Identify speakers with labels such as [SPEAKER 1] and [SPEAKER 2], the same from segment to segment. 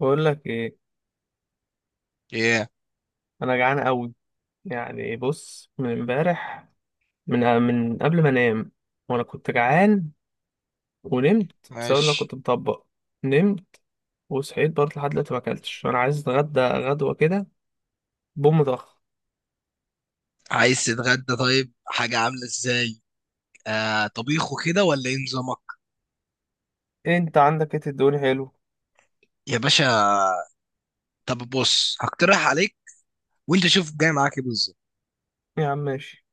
[SPEAKER 1] بقول لك ايه.
[SPEAKER 2] ايه.
[SPEAKER 1] انا جعان قوي. يعني بص، من امبارح، من قبل ما انام وانا كنت جعان، ونمت بسبب إن انا
[SPEAKER 2] ماشي.
[SPEAKER 1] كنت مطبق، نمت وصحيت برضه لحد دلوقتي ما اكلتش. انا عايز اتغدى غدوه كده بوم ضخ.
[SPEAKER 2] عايز تتغدى؟ طيب حاجة عاملة ازاي؟ آه، طبيخ وكده ولا ايه نظامك؟
[SPEAKER 1] انت عندك ايه تدوني حلو؟
[SPEAKER 2] يا باشا، طب بص هقترح عليك وانت شوف جاي معاك ايه بالظبط.
[SPEAKER 1] يا عم ماشي.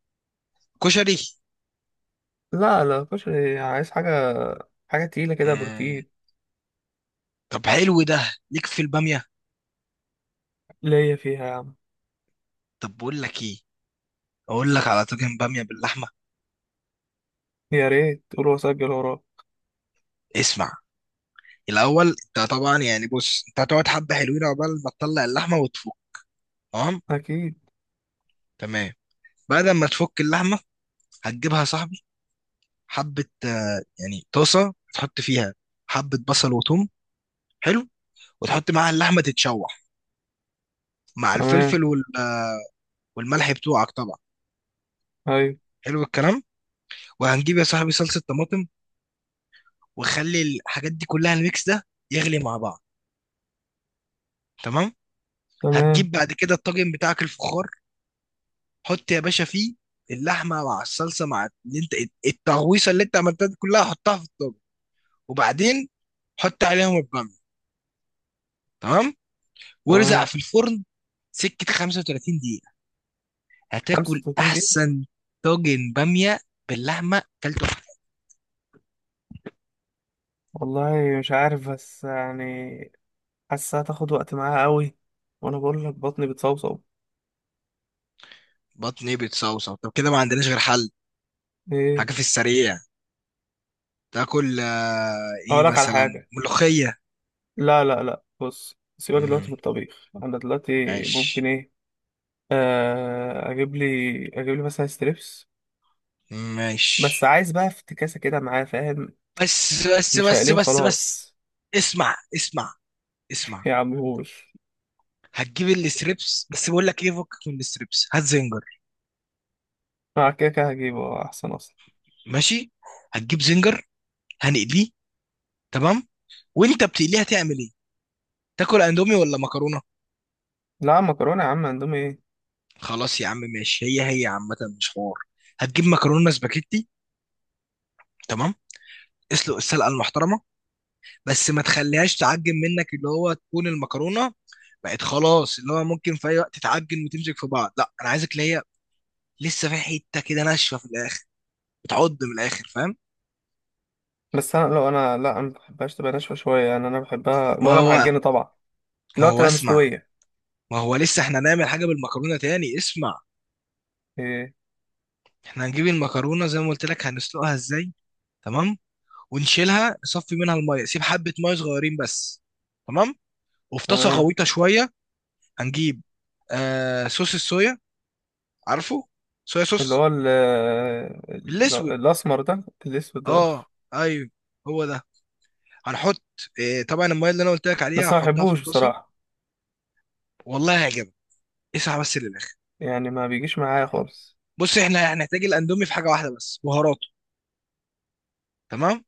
[SPEAKER 2] كشري.
[SPEAKER 1] لا لا، مش عايز حاجه، حاجه تقيله كده
[SPEAKER 2] مم.
[SPEAKER 1] بروتين.
[SPEAKER 2] طب حلو، ده ليك في البامية.
[SPEAKER 1] ليا فيها يا عم.
[SPEAKER 2] طب بقول لك ايه، اقول لك على طاجن بامية باللحمة.
[SPEAKER 1] يا ريت قول واسجل وراك.
[SPEAKER 2] اسمع، الاول انت طبعا يعني بص انت هتقعد حبة حلوين عقبال ما تطلع اللحمة وتفك. تمام.
[SPEAKER 1] اكيد.
[SPEAKER 2] تمام. بعد ما تفك اللحمة هتجيبها يا صاحبي حبة يعني طاسة تحط فيها حبة بصل وثوم. حلو. وتحط معاها اللحمه تتشوح مع
[SPEAKER 1] تمام.
[SPEAKER 2] الفلفل وال والملح بتوعك طبعا.
[SPEAKER 1] ايوه.
[SPEAKER 2] حلو الكلام. وهنجيب يا صاحبي صلصه طماطم، وخلي الحاجات دي كلها الميكس ده يغلي مع بعض. تمام. هتجيب
[SPEAKER 1] تمام.
[SPEAKER 2] بعد كده الطاجن بتاعك الفخار، حط يا باشا فيه اللحمه مع الصلصه مع اللي انت التغويصه اللي انت عملتها دي كلها، حطها في الطاجن. وبعدين حط عليهم الباميه. تمام. وارزع
[SPEAKER 1] تمام.
[SPEAKER 2] في الفرن سكه 35 دقيقه. هتاكل
[SPEAKER 1] 35 دقيقة.
[SPEAKER 2] احسن. طاجن باميه باللحمه كلته.
[SPEAKER 1] والله مش عارف، بس يعني حاسة هتاخد وقت معاها قوي، وانا بقول لك بطني بتصوصو.
[SPEAKER 2] بطني بتصوصو طب كده ما عندناش غير حل.
[SPEAKER 1] ايه؟
[SPEAKER 2] حاجة في السريع تاكل ايه
[SPEAKER 1] اقول لك على
[SPEAKER 2] مثلا؟
[SPEAKER 1] حاجة.
[SPEAKER 2] ملوخية.
[SPEAKER 1] لا لا لا، بص سيبك دلوقتي
[SPEAKER 2] امم
[SPEAKER 1] في الطبيخ، انا دلوقتي ممكن
[SPEAKER 2] ماشي.
[SPEAKER 1] ايه، آه اجيب لي اجيب لي مثلا ستريبس، بس
[SPEAKER 2] ماشي.
[SPEAKER 1] عايز بقى افتكاسة كده معاه فاهم،
[SPEAKER 2] بس بس
[SPEAKER 1] مش
[SPEAKER 2] بس
[SPEAKER 1] هقليه
[SPEAKER 2] بس بس.
[SPEAKER 1] وخلاص.
[SPEAKER 2] اسمع اسمع. اسمع.
[SPEAKER 1] يا عمهوش،
[SPEAKER 2] هتجيب الستريبس، بس بقول لك ايه، فكك من الستريبس، هات زنجر.
[SPEAKER 1] مع كده كده هجيبه، احسن اصلا.
[SPEAKER 2] ماشي. هتجيب زنجر هنقليه. تمام. وانت بتقليه هتعمل ايه؟ تاكل اندومي ولا مكرونه؟
[SPEAKER 1] لا مكرونة يا عم، اندومي ايه!
[SPEAKER 2] خلاص يا عم ماشي، هي هي عامه، مش حوار. هتجيب مكرونه سباكيتي. تمام. اسلق السلقه المحترمه، بس ما تخليهاش تعجن منك اللي هو تكون المكرونه بقت خلاص اللي هو ممكن في اي وقت تتعجن وتمسك في بعض، لا انا عايزك اللي هي لسه في حته كده ناشفه في الاخر، بتعض من الاخر، فاهم؟
[SPEAKER 1] بس انا لو انا لا انا ما بحبهاش تبقى ناشفة شوية، يعني انا بحبها
[SPEAKER 2] ما
[SPEAKER 1] ولا
[SPEAKER 2] هو،
[SPEAKER 1] معجنة طبعا،
[SPEAKER 2] ما
[SPEAKER 1] لو
[SPEAKER 2] هو
[SPEAKER 1] تبقى
[SPEAKER 2] اسمع،
[SPEAKER 1] مستوية.
[SPEAKER 2] ما هو لسه احنا هنعمل حاجه بالمكرونه تاني، اسمع.
[SPEAKER 1] إيه؟
[SPEAKER 2] احنا هنجيب المكرونه زي ما قلت لك هنسلقها ازاي. تمام. ونشيلها نصفي منها الميه، سيب حبه ميه صغيرين بس. تمام. وفي طاسه
[SPEAKER 1] تمام.
[SPEAKER 2] غويطه شويه هنجيب صوص الصويا، عارفه؟ صويا
[SPEAKER 1] اللي
[SPEAKER 2] صوص.
[SPEAKER 1] هو
[SPEAKER 2] الاسود.
[SPEAKER 1] الأسمر ده الأسود ده.
[SPEAKER 2] اه. ايوه. هو ده. هنحط إيه، طبعا الميه اللي انا قلت لك عليها
[SPEAKER 1] بس ما
[SPEAKER 2] هحطها في
[SPEAKER 1] بحبوش
[SPEAKER 2] الطاسه.
[SPEAKER 1] بصراحة،
[SPEAKER 2] والله هيعجبك، اسعى بس للاخر.
[SPEAKER 1] يعني ما بيجيش معايا خالص.
[SPEAKER 2] بص، احنا هنحتاج الاندومي في حاجه واحده بس، بهاراته. تمام.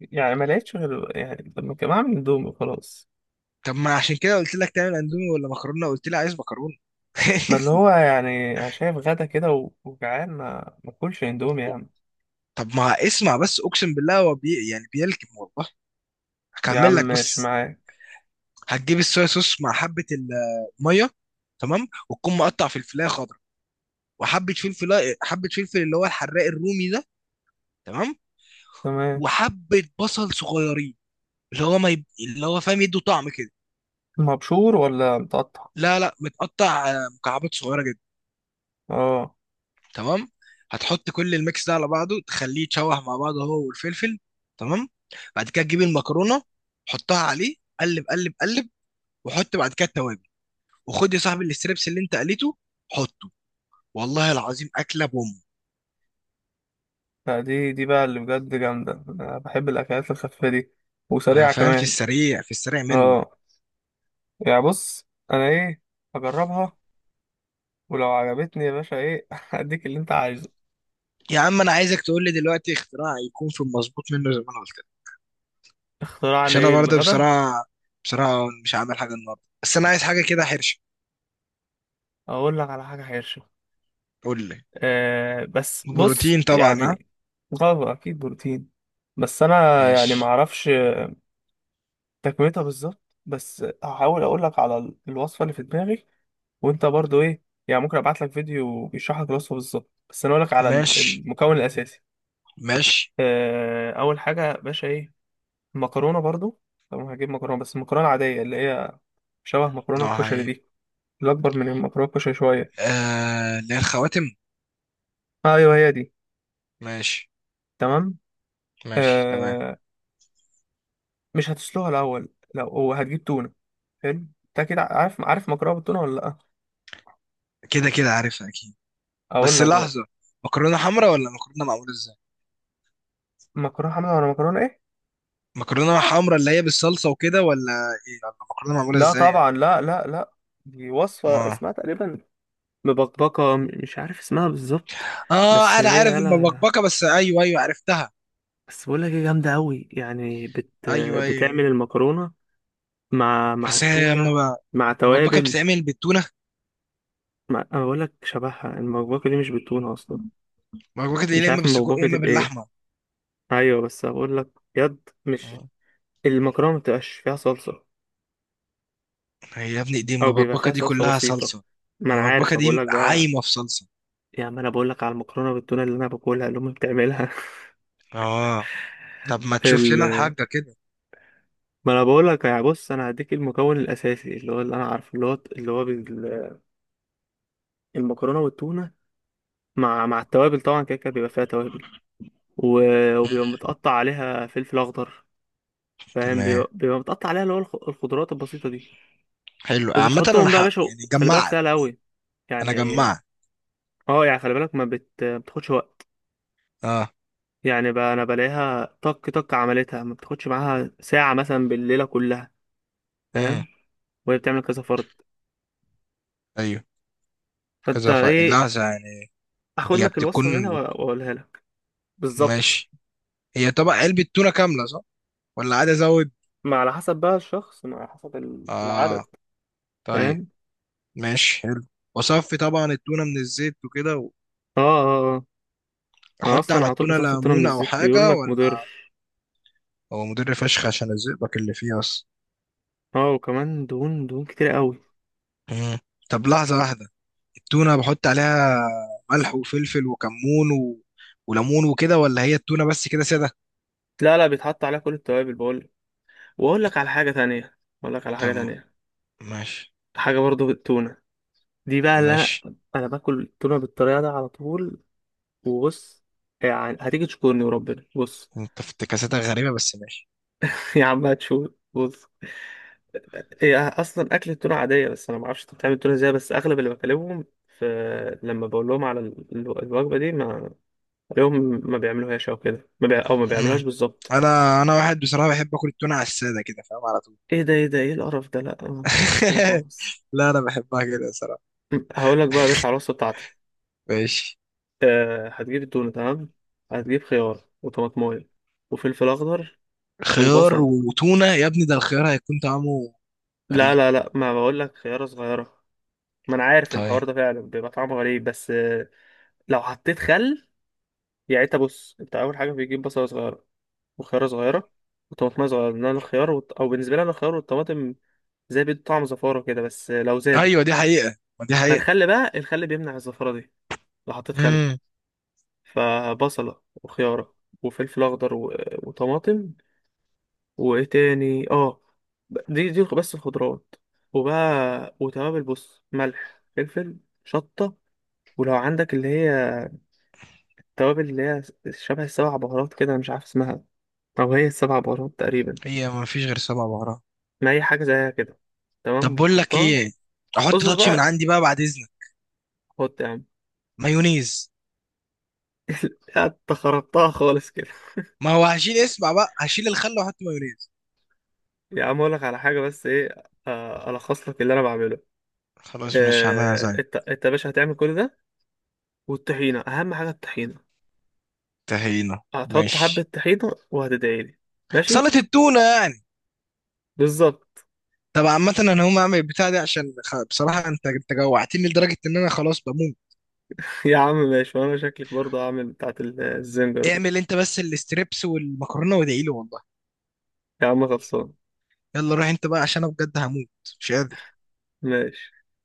[SPEAKER 1] يعني ما لقيتش غير، يعني لما كان بعمل اندومي خلاص.
[SPEAKER 2] طب ما عشان كده قلت لك تعمل اندومي ولا مكرونه، قلت لي عايز مكرونه.
[SPEAKER 1] ما اللي هو يعني أنا شايف غدا كده وجعان، ما أكلش اندومي يا عم.
[SPEAKER 2] طب ما اسمع بس، اقسم بالله هو بي يعني بيلكم والله.
[SPEAKER 1] يا عم
[SPEAKER 2] هكمل لك
[SPEAKER 1] ماشي
[SPEAKER 2] بس.
[SPEAKER 1] معاك.
[SPEAKER 2] هتجيب الصويا صوص مع حبه الميه. تمام، وتكون مقطع فلفلايه خضراء وحبه فلفل، حبه فلفل اللي هو الحراق الرومي ده. تمام.
[SPEAKER 1] تمام.
[SPEAKER 2] وحبه بصل صغيرين اللي هو ما يب... اللي هو فاهم، يدوا طعم كده.
[SPEAKER 1] مبشور ولا متقطع؟
[SPEAKER 2] لا لا، متقطع مكعبات صغيره جدا.
[SPEAKER 1] اه.
[SPEAKER 2] تمام. هتحط كل الميكس ده على بعضه تخليه يتشوح مع بعضه هو والفلفل. تمام. بعد كده تجيب المكرونه، حطها عليه، قلب قلب قلب. وحط بعد كده التوابل. وخد يا صاحبي الستريبس اللي انت قليته، حطه. والله العظيم اكله بوم.
[SPEAKER 1] لا دي بقى اللي بجد جامدة، أنا بحب الأكلات الخفيفة دي،
[SPEAKER 2] ما
[SPEAKER 1] وسريعة
[SPEAKER 2] فاهم، في
[SPEAKER 1] كمان.
[SPEAKER 2] السريع في السريع منه.
[SPEAKER 1] اه يعني بص أنا إيه، هجربها، ولو عجبتني يا باشا ايه هديك اللي انت عايزه.
[SPEAKER 2] يا عم انا عايزك تقول لي دلوقتي اختراع يكون في المظبوط منه زي ما انا قلت.
[SPEAKER 1] اختراع
[SPEAKER 2] عشان انا
[SPEAKER 1] لايه
[SPEAKER 2] برضه
[SPEAKER 1] للغدا؟
[SPEAKER 2] بصراحه، بصراحه مش عامل حاجه النهارده، بس انا عايز حاجه كده حرشه.
[SPEAKER 1] اقول لك على حاجه حرشه.
[SPEAKER 2] قول لي.
[SPEAKER 1] بس بص
[SPEAKER 2] بروتين طبعا، ها.
[SPEAKER 1] يعني، غدا اكيد بروتين. بس انا يعني ما
[SPEAKER 2] ماشي.
[SPEAKER 1] اعرفش تكملتها بالظبط، بس هحاول اقول لك على الوصفه اللي في دماغي. وانت برضو ايه يعني، ممكن ابعت لك فيديو بيشرح لك الوصفه بالظبط، بس انا اقول لك على
[SPEAKER 2] ماشي.
[SPEAKER 1] المكون الاساسي.
[SPEAKER 2] ماشي.
[SPEAKER 1] اول حاجه يا باشا ايه، المكرونه برضو. طبعا هجيب مكرونه، بس المكرونه العاديه اللي هي شبه مكرونه
[SPEAKER 2] نوعها
[SPEAKER 1] الكشري
[SPEAKER 2] ايه؟
[SPEAKER 1] دي، الأكبر من المتراكش شوية.
[SPEAKER 2] آه اللي هي الخواتم.
[SPEAKER 1] آه، أيوه هي دي.
[SPEAKER 2] ماشي.
[SPEAKER 1] تمام.
[SPEAKER 2] ماشي تمام.
[SPEAKER 1] آه مش هتسلقها الأول، لو هو هتجيب تونة. حلو. أنت كده عارف مكرونة بالتونة ولا لأ؟
[SPEAKER 2] كده كده عارفها اكيد.
[SPEAKER 1] أقول
[SPEAKER 2] بس
[SPEAKER 1] لك بقى.
[SPEAKER 2] لحظه، مكرونه حمرا ولا مكرونه معموله ازاي؟
[SPEAKER 1] مكرونة حمرا ولا مكرونة إيه؟
[SPEAKER 2] مكرونه حمرا اللي هي بالصلصه وكده، ولا ايه، ولا مكرونه معموله
[SPEAKER 1] لا
[SPEAKER 2] ازاي يعني؟
[SPEAKER 1] طبعا، لا لا لا، دي وصفة
[SPEAKER 2] ما...
[SPEAKER 1] اسمها تقريبا مبكبكة، مش عارف اسمها بالظبط. بس
[SPEAKER 2] اه انا عارف
[SPEAKER 1] هي يلا،
[SPEAKER 2] المبكبكه، بس ايوه ايوه عرفتها.
[SPEAKER 1] بس بقول لك ايه جامدة أوي، يعني
[SPEAKER 2] ايوه ايوه.
[SPEAKER 1] بتعمل
[SPEAKER 2] أيوة.
[SPEAKER 1] المكرونة مع
[SPEAKER 2] بس هي اما
[SPEAKER 1] التونة
[SPEAKER 2] بقى
[SPEAKER 1] مع
[SPEAKER 2] المبكبكه
[SPEAKER 1] توابل
[SPEAKER 2] بتتعمل بالتونه.
[SPEAKER 1] أنا بقول لك شبهها المبكبكة دي مش بالتونة أصلا،
[SPEAKER 2] مبكبكة دي
[SPEAKER 1] مش
[SPEAKER 2] يا إما
[SPEAKER 1] عارف
[SPEAKER 2] بالسجق يا
[SPEAKER 1] المبكبكة دي
[SPEAKER 2] إما
[SPEAKER 1] بإيه.
[SPEAKER 2] باللحمة.
[SPEAKER 1] ايوه بس هقول لك، بجد مش
[SPEAKER 2] اه،
[SPEAKER 1] المكرونه ما بتبقاش فيها صلصه،
[SPEAKER 2] هي يا ابني دي
[SPEAKER 1] او بيبقى
[SPEAKER 2] المبكبكة
[SPEAKER 1] فيها
[SPEAKER 2] دي
[SPEAKER 1] صلصه
[SPEAKER 2] كلها
[SPEAKER 1] بسيطه.
[SPEAKER 2] صلصة.
[SPEAKER 1] ما انا عارف،
[SPEAKER 2] المبكبكة
[SPEAKER 1] ما بقول
[SPEAKER 2] دي
[SPEAKER 1] لك بقى.
[SPEAKER 2] عايمة في صلصة.
[SPEAKER 1] يا عم انا بقول لك على المكرونه بالتونه اللي انا باكلها، اللي امي بتعملها.
[SPEAKER 2] اه، طب ما تشوف لنا
[SPEAKER 1] ال...
[SPEAKER 2] الحاجة كده.
[SPEAKER 1] ما انا بقول لك، يا بص انا هديك المكون الاساسي اللي هو اللي انا عارفه اللي هو المكرونه والتونه مع التوابل طبعا، كده كده بيبقى فيها توابل، و... وبيبقى متقطع عليها فلفل اخضر، فاهم؟
[SPEAKER 2] تمام.
[SPEAKER 1] بيبقى متقطع عليها اللي هو الخضروات البسيطه دي،
[SPEAKER 2] حلو عامة، أنا
[SPEAKER 1] وبتحطهم بقى يا
[SPEAKER 2] حق
[SPEAKER 1] باشا،
[SPEAKER 2] يعني
[SPEAKER 1] وخلي بالك
[SPEAKER 2] جمعت.
[SPEAKER 1] سهله قوي
[SPEAKER 2] أنا
[SPEAKER 1] يعني.
[SPEAKER 2] جمعت.
[SPEAKER 1] اه يعني خلي بالك، ما بتاخدش وقت.
[SPEAKER 2] اه.
[SPEAKER 1] يعني انا بلاقيها طق طق عملتها، ما بتاخدش معاها ساعة مثلا بالليلة كلها،
[SPEAKER 2] امم
[SPEAKER 1] فاهم؟ وهي بتعمل كذا فرد.
[SPEAKER 2] أيوه.
[SPEAKER 1] فانت
[SPEAKER 2] كذا ف
[SPEAKER 1] ايه،
[SPEAKER 2] لحظة يعني.
[SPEAKER 1] اخد
[SPEAKER 2] هي
[SPEAKER 1] لك
[SPEAKER 2] بتكون.
[SPEAKER 1] الوصفة منها واقولها لك بالظبط.
[SPEAKER 2] ماشي. هي طبق علبة تونة كاملة صح، ولا عادي أزود؟
[SPEAKER 1] ما على حسب بقى الشخص، ما على حسب
[SPEAKER 2] اه.
[SPEAKER 1] العدد.
[SPEAKER 2] طيب.
[SPEAKER 1] فاهم.
[SPEAKER 2] ماشي حلو. وصفي طبعا التونة من الزيت وكده.
[SPEAKER 1] اه اه اه. انا
[SPEAKER 2] وأحط
[SPEAKER 1] اصلا
[SPEAKER 2] على
[SPEAKER 1] على طول
[SPEAKER 2] التونة
[SPEAKER 1] بصفي التونة من
[SPEAKER 2] ليمون أو
[SPEAKER 1] الزيت، بيقول
[SPEAKER 2] حاجة
[SPEAKER 1] لك
[SPEAKER 2] ولا؟
[SPEAKER 1] مضر.
[SPEAKER 2] هو مدر فشخ عشان الزئبق اللي فيه اصلا.
[SPEAKER 1] اه، وكمان دهون، دهون كتير قوي.
[SPEAKER 2] مم. طب لحظة واحدة، التونة بحط عليها ملح وفلفل وكمون و... وليمون وكده، ولا هي التونة بس كده سادة؟
[SPEAKER 1] لا لا، بيتحط عليها كل التوابل بقول، واقول لك على حاجة تانية، اقول لك على حاجة
[SPEAKER 2] طب
[SPEAKER 1] تانية،
[SPEAKER 2] ماشي.
[SPEAKER 1] حاجة برضو بالتونة. دي بقى اللي انا
[SPEAKER 2] ماشي.
[SPEAKER 1] انا باكل تونه بالطريقه ده على طول. وبص يعني هتيجي تشكرني وربنا، بص.
[SPEAKER 2] انت افتكاساتك غريبة غريبة بس ماشي.
[SPEAKER 1] يا عم هتشوف بص. هي اصلا اكل التونه عاديه، بس انا ما اعرفش انت بتعمل التونه ازاي، بس اغلب اللي بكلمهم في، لما بقول لهم على الوجبه دي، ما اليوم، ما بيعملوهاش او كده، ما بي... او ما بيعملوهاش
[SPEAKER 2] مم.
[SPEAKER 1] بالظبط.
[SPEAKER 2] انا واحد بصراحة بحب اكل التونة على السادة كده، فاهم، على طول.
[SPEAKER 1] ايه ده، ايه ده، ايه القرف ده! لا ما بحبش كده خالص.
[SPEAKER 2] لا انا بحبها كده صراحة.
[SPEAKER 1] هقول لك بقى يا باشا على الوصفه بتاعتي.
[SPEAKER 2] ماشي.
[SPEAKER 1] هتجيب التونه، تمام، هتجيب خيار وطماطمايه وفلفل اخضر
[SPEAKER 2] خيار
[SPEAKER 1] وبصل.
[SPEAKER 2] وتونة يا ابني، ده الخيار هيكون طعمه
[SPEAKER 1] لا
[SPEAKER 2] غريب.
[SPEAKER 1] لا لا، ما بقول لك خيارة صغيرة. ما انا عارف
[SPEAKER 2] طيب.
[SPEAKER 1] الحوار ده فعلا بيبقى طعمه غريب، بس لو حطيت خل، يعني انت بص، انت اول حاجة بيجيب بصلة صغيرة وخيارة صغيرة وطماطم صغيرة، لان انا الخيار او بالنسبة لي انا الخيار والطماطم زي بيدوا طعم زفارة كده، بس لو زادوا،
[SPEAKER 2] ايوه دي حقيقة، ما دي
[SPEAKER 1] ما
[SPEAKER 2] حقيقة.
[SPEAKER 1] الخل بقى، الخل بيمنع الزفارة دي لو حطيت خل.
[SPEAKER 2] مم.
[SPEAKER 1] فبصلة وخيارة وفلفل اخضر وطماطم، وايه تاني اه، دي بس الخضروات. وبقى وتوابل، بص: ملح، فلفل، شطة. ولو عندك اللي هي التوابل اللي هي شبه السبع بهارات كده، أنا مش عارف اسمها، أو هي السبع بهارات تقريبا،
[SPEAKER 2] هي ما فيش غير سبع بهارات.
[SPEAKER 1] ما هي حاجة زيها كده. تمام
[SPEAKER 2] طب بقول لك
[SPEAKER 1] بتحطها.
[SPEAKER 2] ايه، احط
[SPEAKER 1] اصبر
[SPEAKER 2] تاتش من
[SPEAKER 1] بقى.
[SPEAKER 2] عندي بقى بعد اذنك.
[SPEAKER 1] حط يا عم.
[SPEAKER 2] مايونيز.
[SPEAKER 1] يا انت خربتها خالص كده!
[SPEAKER 2] ما هو هشيل، اسمع بقى، هشيل الخل واحط مايونيز.
[SPEAKER 1] يا عم أقولك على حاجة بس إيه، ألخص لك اللي أنا بعمله.
[SPEAKER 2] خلاص مش هعملها زي.
[SPEAKER 1] أنت يا باشا هتعمل كل ده، والطحينة أهم حاجة الطحينة،
[SPEAKER 2] تهينة
[SPEAKER 1] هتحط حبة
[SPEAKER 2] ماشي.
[SPEAKER 1] طحينة وهتدعيلي. ماشي.
[SPEAKER 2] سلطة التونة يعني.
[SPEAKER 1] بالظبط.
[SPEAKER 2] طب عامة انا هقوم اعمل البتاع دي عشان خ- بصراحة انت جوعتني لدرجة ان انا خلاص بموت.
[SPEAKER 1] يا عم ماشي، وأنا شكلك برضه هعمل بتاعت الزنجر دي.
[SPEAKER 2] اعمل انت بس الاستريبس والمكرونة وادعي لي والله.
[SPEAKER 1] يا عم خلصان.
[SPEAKER 2] يلا روح انت بقى عشان انا بجد هموت. مش قادر.
[SPEAKER 1] ماشي.